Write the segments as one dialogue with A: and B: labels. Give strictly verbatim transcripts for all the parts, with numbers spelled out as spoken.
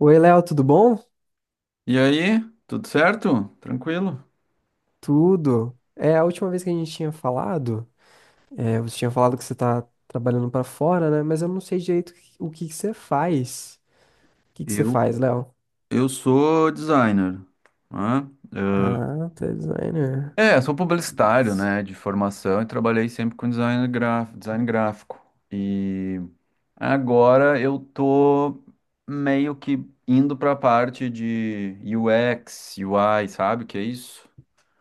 A: Oi, Léo, tudo bom?
B: E aí, tudo certo? Tranquilo?
A: Tudo. É, a última vez que a gente tinha falado, é, você tinha falado que você tá trabalhando pra fora, né? Mas eu não sei direito o que que você faz. O que que você
B: Eu,
A: faz, Léo?
B: eu sou designer, né?
A: Ah, tá designer.
B: É, sou publicitário, né, de formação e trabalhei sempre com design gráfico, design gráfico. E agora eu tô meio que indo para a parte de U X, U I, sabe o que é isso?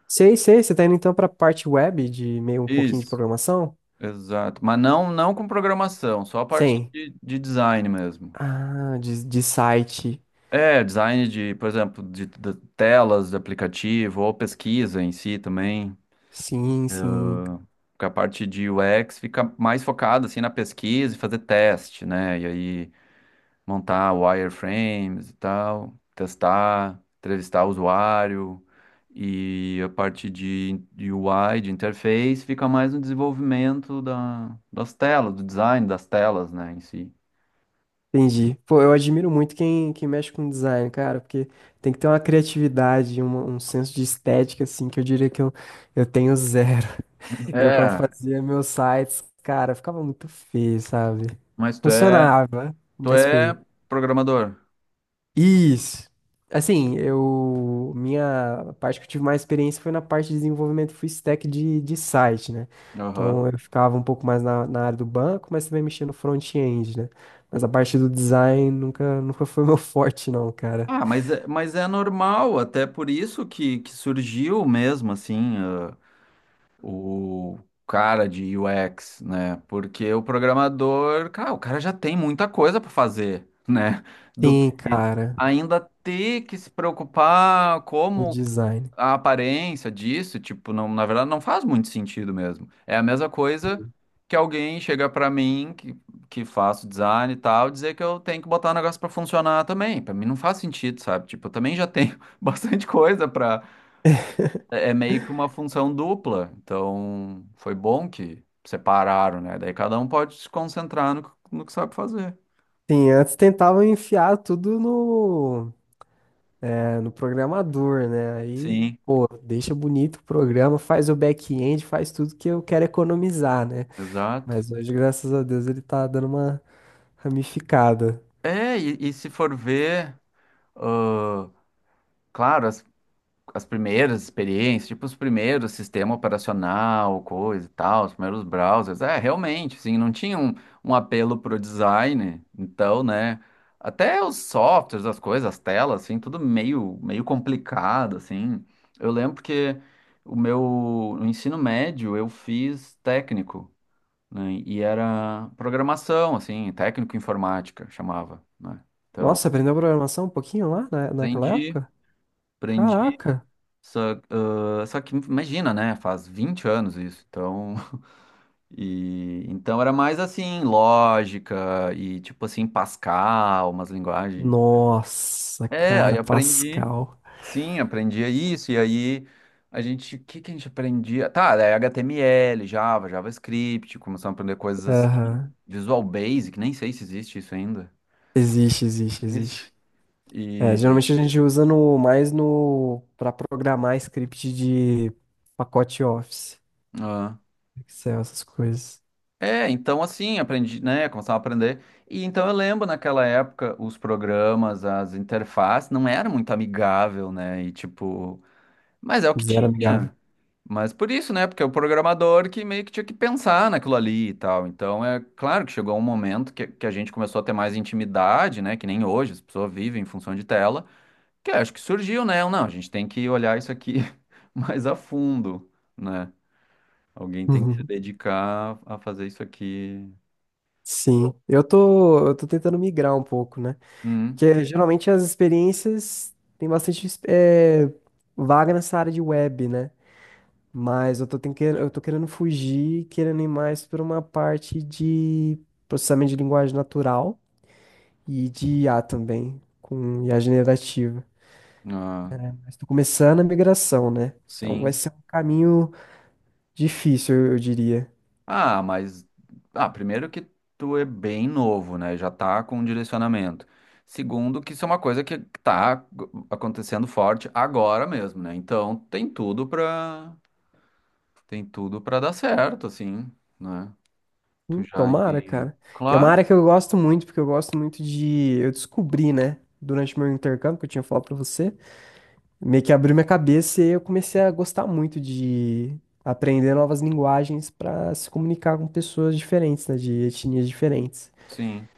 A: Sei, sei, você tá indo então pra parte web de meio um pouquinho de
B: Isso,
A: programação?
B: exato. Mas não, não com programação, só a parte
A: Sim.
B: de, de design mesmo.
A: Ah, de, de site.
B: É, design de, por exemplo, de, de telas de aplicativo ou pesquisa em si também.
A: Sim, sim.
B: Porque a parte de U X fica mais focada assim na pesquisa e fazer teste, né? E aí montar wireframes e tal, testar, entrevistar o usuário. E a parte de, de U I, de interface, fica mais no desenvolvimento da, das telas, do design das telas, né, em si.
A: Entendi. Pô, eu admiro muito quem, quem mexe com design, cara, porque tem que ter uma criatividade, uma- um senso de estética, assim, que eu diria que eu, eu tenho zero. Eu, quando
B: É,
A: fazia meus sites, cara, ficava muito feio, sabe?
B: mas tu é,
A: Funcionava,
B: tu
A: mas
B: é
A: feio.
B: programador.
A: Isso. Assim, eu. Minha parte que eu tive mais experiência foi na parte de desenvolvimento full stack de, de site, né?
B: Aham.
A: Então eu ficava um pouco mais na, na área do banco, mas também mexia no front-end, né? Mas a parte do design nunca, nunca foi meu forte, não, cara.
B: Ah, mas, é- mas é normal, até por isso que, que surgiu mesmo, assim, ah, o cara de U X, né? Porque o programador, cara, o cara já tem muita coisa para fazer, né? Do
A: Sim,
B: que
A: cara,
B: ainda ter que se preocupar
A: o
B: como
A: design.
B: a aparência disso, tipo, não, na verdade não faz muito sentido mesmo. É a mesma coisa que alguém chega pra mim que, que faço design e tal, dizer que eu tenho que botar o negócio pra funcionar também. Pra mim não faz sentido, sabe? Tipo, eu também já tenho bastante coisa pra. É é meio que uma função dupla. Então, foi bom que separaram, né? Daí cada um pode se concentrar no, que- no que sabe fazer.
A: Sim, antes tentavam enfiar tudo no, é, no programador, né? Aí,
B: Sim,
A: pô, deixa bonito o programa, faz o back-end, faz tudo que eu quero economizar, né?
B: exato.
A: Mas hoje, graças a Deus, ele tá dando uma ramificada.
B: É, e, e se for ver, ah, claro, as primeiras experiências, tipo os primeiros sistema operacional, coisa e tal, os primeiros browsers. É, realmente, assim, não tinha um, um apelo pro design. Então, né, até os softwares, as coisas, as telas, assim, tudo meio, meio complicado, assim. Eu lembro que o meu no ensino médio eu fiz técnico, né, e era programação, assim, técnico informática, chamava, né? Então,
A: Nossa, aprendeu programação um pouquinho lá na, naquela
B: aprendi,
A: época?
B: aprendi
A: Caraca!
B: Só, ah, só que imagina, né? Faz vinte anos isso, então. E então era mais assim, lógica e tipo assim, Pascal, umas linguagens.
A: Nossa,
B: É,
A: cara,
B: aí aprendi.
A: Pascal.
B: Sim, aprendia isso, e aí a gente, o que que a gente aprendia? Tá, daí H T M L, Java, JavaScript, começamos a aprender coisas assim,
A: Aham.
B: Visual Basic, nem sei se existe isso ainda.
A: Existe, existe,
B: Existe.
A: existe. É,
B: E,
A: geralmente a gente usa no, mais no, para programar script de pacote Office, Excel, essas coisas.
B: É, então assim, aprendi, né, começava a aprender. E então eu lembro naquela época os programas, as interfaces não era muito amigável, né? E tipo, mas é o que
A: Zero amigável.
B: tinha. Mas por isso, né? Porque é o programador que meio que tinha que pensar naquilo ali e tal. Então é claro que chegou um momento que, que a gente começou a ter mais intimidade, né? Que nem hoje, as pessoas vivem em função de tela. Que acho que surgiu, né? Não, a gente tem que olhar isso aqui mais a fundo, né? Alguém tem que se dedicar a fazer isso aqui.
A: Sim. Eu tô, eu tô tentando migrar um pouco, né?
B: Hum.
A: Porque geralmente as experiências têm bastante eh, vaga nessa área de web, né? Mas eu tô, ten- que- eu tô querendo fugir, querendo ir mais para uma parte de processamento de linguagem natural e de I A também, com I A generativa.
B: Ah,
A: Mas tô começando a migração, né? Então vai
B: sim.
A: ser um caminho difícil, eu eu diria.
B: Ah, mas ah, primeiro que tu é bem novo, né? Já tá com um direcionamento. Segundo, que isso é uma coisa que tá acontecendo forte agora mesmo, né? Então tem tudo pra tem tudo para dar certo, assim, né? Tu
A: Hum,
B: já
A: Tomara,
B: ir.
A: cara. Que é uma
B: Claro,
A: área que eu gosto muito, porque eu gosto muito de. Eu descobri, né, durante meu intercâmbio, que eu tinha falado pra você. Meio que abriu minha cabeça e eu comecei a gostar muito de aprender novas linguagens para se comunicar com pessoas diferentes, né, de etnias diferentes.
B: sim.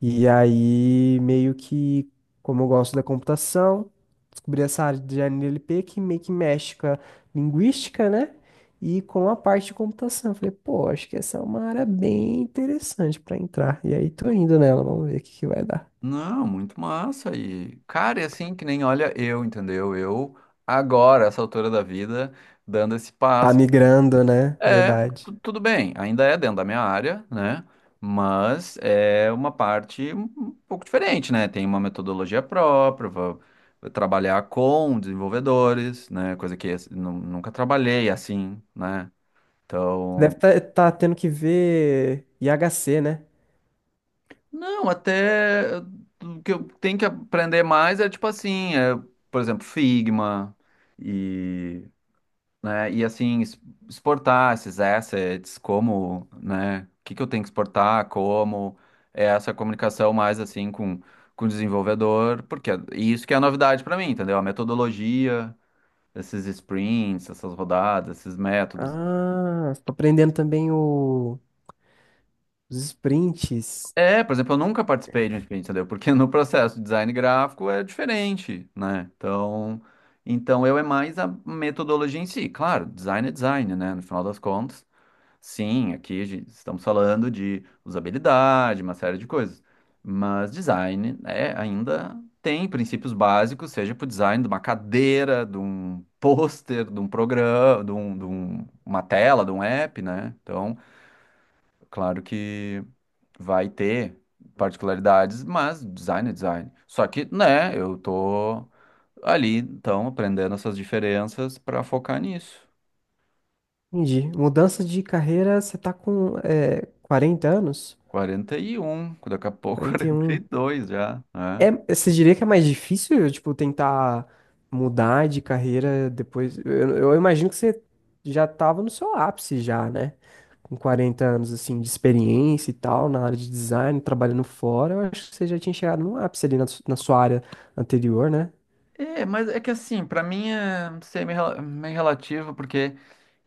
A: E aí, meio que, como eu gosto da computação, descobri essa área de N L P que meio que mexe com a linguística, né? E com a parte de computação. Eu falei, pô, acho que essa é uma área bem interessante para entrar. E aí, tô indo nela, vamos ver o que que vai dar.
B: Não, muito massa. E, cara, é assim que nem olha eu, entendeu? Eu agora, essa altura da vida, dando esse
A: Tá
B: passo.
A: migrando, né?
B: É, tu-
A: Verdade.
B: tudo bem, ainda é dentro da minha área, né? Mas é uma parte um um pouco diferente, né? Tem uma metodologia própria, vou trabalhar com desenvolvedores, né? Coisa que assim, nu- nunca trabalhei assim, né? Então,
A: Deve estar tendo que ver I H C, né?
B: não, até eh, o que eu tenho que aprender mais é tipo assim, é, por exemplo, Figma e né? E assim, es- exportar esses assets, como, né? O que que eu tenho que exportar, como, é essa comunicação mais assim com, com o desenvolvedor, porque é- e isso que é a novidade para mim, entendeu? A metodologia, esses sprints, essas rodadas, esses métodos.
A: Ah, tô aprendendo também o- os sprints.
B: É, por exemplo, eu nunca participei de um sprint, entendeu? Porque no processo de design gráfico é diferente, né? Então, então, eu é mais a metodologia em si. Claro, design é design, né? No final das contas. Sim, aqui a gente- estamos falando de usabilidade, uma série de coisas. Mas design é, ainda tem princípios básicos, seja para o design de uma cadeira, de um pôster, de um programa, de, um- de um- uma tela, de um app, né? Então, claro que vai ter particularidades, mas design é design. Só que, né, eu tô ali, então, aprendendo essas diferenças para focar nisso.
A: Entendi. Mudança de carreira, você tá com é, quarenta anos?
B: quarenta e um, daqui a pouco
A: Quarenta e
B: quarenta e
A: um.
B: dois já, né?
A: É, você diria que é mais difícil, tipo, tentar mudar de carreira depois? Eu, eu imagino que você já tava no seu ápice já, né? Com quarenta anos, assim, de experiência e tal, na área de design, trabalhando fora, eu acho que você já tinha chegado no ápice ali na su- na sua área anterior, né?
B: É, mas é que assim, pra mim é, não sei, meio, rela- meio relativo, porque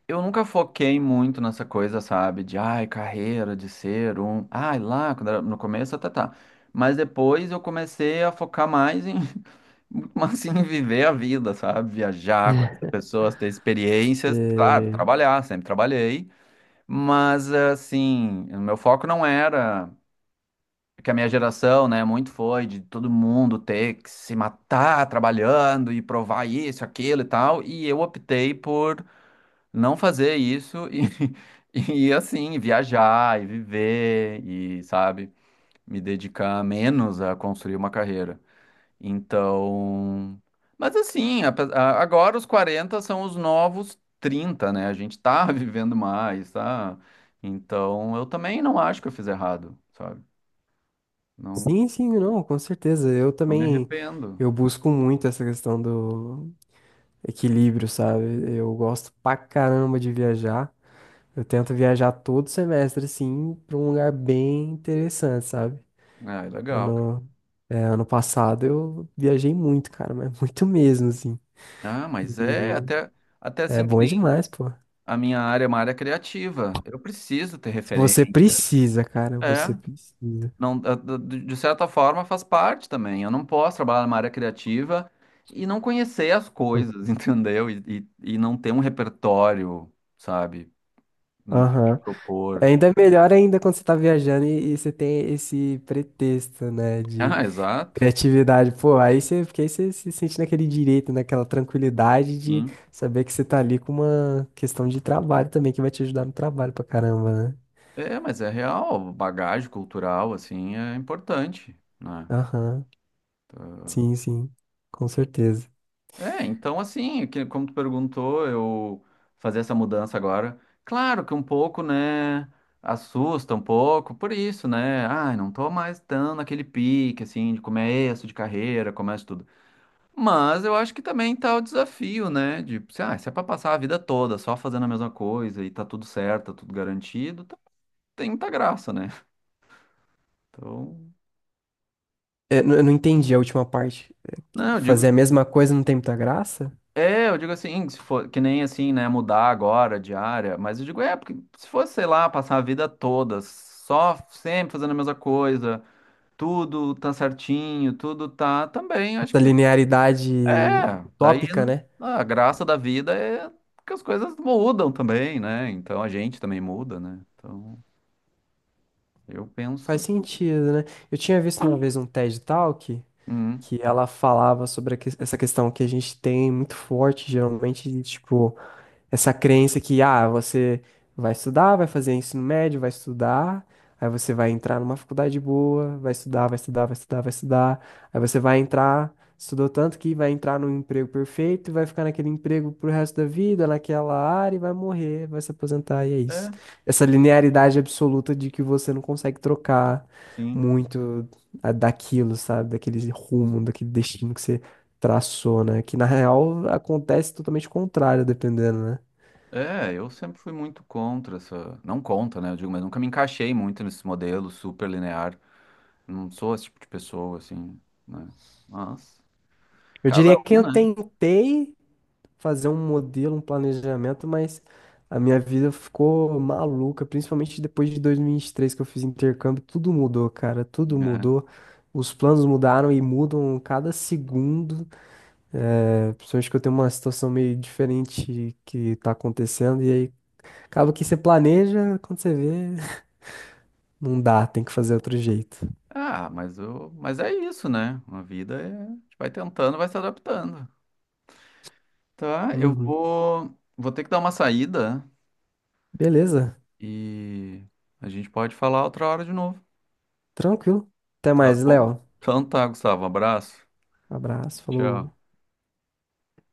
B: eu nunca foquei muito nessa coisa, sabe? De, ai, carreira, de ser um... Ai, lá, quando era no começo, tá, tá. tá". Mas depois eu comecei a focar mais em, muito mais assim, em viver a vida, sabe? Viajar, conhecer pessoas, ter experiências. Claro,
A: É,
B: trabalhar, sempre trabalhei. Mas, assim, o meu foco não era que a minha geração, né, muito foi de todo mundo ter que se matar trabalhando e provar isso, aquilo e tal, e eu optei por não fazer isso e, e assim, viajar e viver e, sabe, me dedicar menos a construir uma carreira. Então, mas assim, ape- a- agora os quarenta são os novos trinta, né? A gente tá vivendo mais, tá? Então, eu também não acho que eu fiz errado, sabe?
A: sim, sim, não, com certeza. Eu
B: Não me
A: também,
B: arrependo.
A: eu busco muito essa questão do equilíbrio, sabe? Eu gosto pra caramba de viajar. Eu tento viajar todo semestre, assim, pra um lugar bem interessante, sabe?
B: Ah, é legal, cara.
A: Ano, é, ano passado eu viajei muito, cara, mas muito mesmo, assim.
B: Ah, mas é
A: E
B: até, até
A: é
B: assim que
A: bom
B: nem
A: demais, pô.
B: a minha área é uma área criativa. Eu preciso ter
A: Se
B: referência.
A: você precisa, cara,
B: É,
A: você precisa.
B: não, eh, de de de certa forma faz parte também. Eu não posso trabalhar numa área criativa e não conhecer as coisas, entendeu? E, e, e não ter um repertório, sabe? Não ter o que
A: Aham.
B: propor.
A: Ainda é melhor ainda quando você tá viajando e, e você tem esse pretexto, né, de
B: Ah, exato.
A: criatividade. Pô, aí você, porque aí você se sente naquele direito, naquela tranquilidade de
B: Sim.
A: saber que você tá ali com uma questão de trabalho também, que vai te ajudar no trabalho pra caramba, né?
B: É, mas é real. Bagagem cultural, assim, é importante, né?
A: Aham, sim, sim, com certeza.
B: É, então assim, que- como tu perguntou, eu fazer essa mudança agora, claro que um pouco, né, assusta um pouco, por isso, né, ai, não tô mais tão naquele pique, assim, de começo de carreira, começo tudo. Mas eu acho que também tá o desafio, né, de, se, ah, se é pra passar a vida toda só fazendo a mesma coisa e tá tudo certo, tá tudo garantido, tá- tem muita graça, né? Então,
A: É, n- eu não entendi a última parte. É que
B: não, eu
A: fazer
B: digo
A: a mesma coisa não tem muita graça?
B: É, eu digo assim, se for, que nem assim, né, mudar agora de área, mas eu digo, é, porque se fosse, sei lá, passar a vida toda só sempre fazendo a mesma coisa, tudo tá certinho, tudo tá também, acho
A: Essa
B: que
A: linearidade
B: é, daí
A: utópica, né?
B: a graça da vida é que as coisas mudam também, né? Então a gente também muda, né? Então eu
A: Faz
B: penso,
A: sentido, né? Eu tinha visto uma vez um TED Talk.
B: hum,
A: Que ela falava sobre a que- essa questão que a gente tem muito forte, geralmente, de, tipo, essa crença que, ah, você vai estudar, vai fazer ensino médio, vai estudar, aí você vai entrar numa faculdade boa, vai estudar, vai estudar, vai estudar, vai estudar, aí você vai entrar, estudou tanto que vai entrar num emprego perfeito e vai ficar naquele emprego pro resto da vida, naquela área e vai morrer, vai se aposentar e é isso.
B: é,
A: Essa linearidade absoluta de que você não consegue trocar
B: sim.
A: muito a- daquilo, sabe? Daquele rumo, daquele destino que você traçou, né? Que na real acontece totalmente o contrário, dependendo, né?
B: É, eu sempre fui muito contra essa, não contra, né? Eu digo, mas nunca me encaixei muito nesse modelo super linear. Não sou esse tipo de pessoa, assim, né? Mas
A: Eu
B: cada
A: diria que
B: um,
A: eu
B: né?
A: tentei fazer um modelo, um planejamento, mas a minha vida ficou maluca, principalmente depois de dois mil e vinte e três que eu fiz intercâmbio, tudo mudou, cara, tudo
B: É.
A: mudou. Os planos mudaram e mudam cada segundo, é, principalmente que eu tenho uma situação meio diferente que tá acontecendo, e aí acaba que você planeja, quando você vê, não dá, tem que fazer outro jeito.
B: Ah, mas, eu, mas é isso, né? A vida é, a gente vai tentando, vai se adaptando. Tá, eu
A: Uhum.
B: vou, vou ter que dar uma saída
A: Beleza,
B: e a gente pode falar outra hora de novo.
A: tranquilo. Até
B: Tá
A: mais,
B: bom?
A: Léo.
B: Então tá, Gustavo, um abraço.
A: Abraço,
B: Tchau.
A: falou.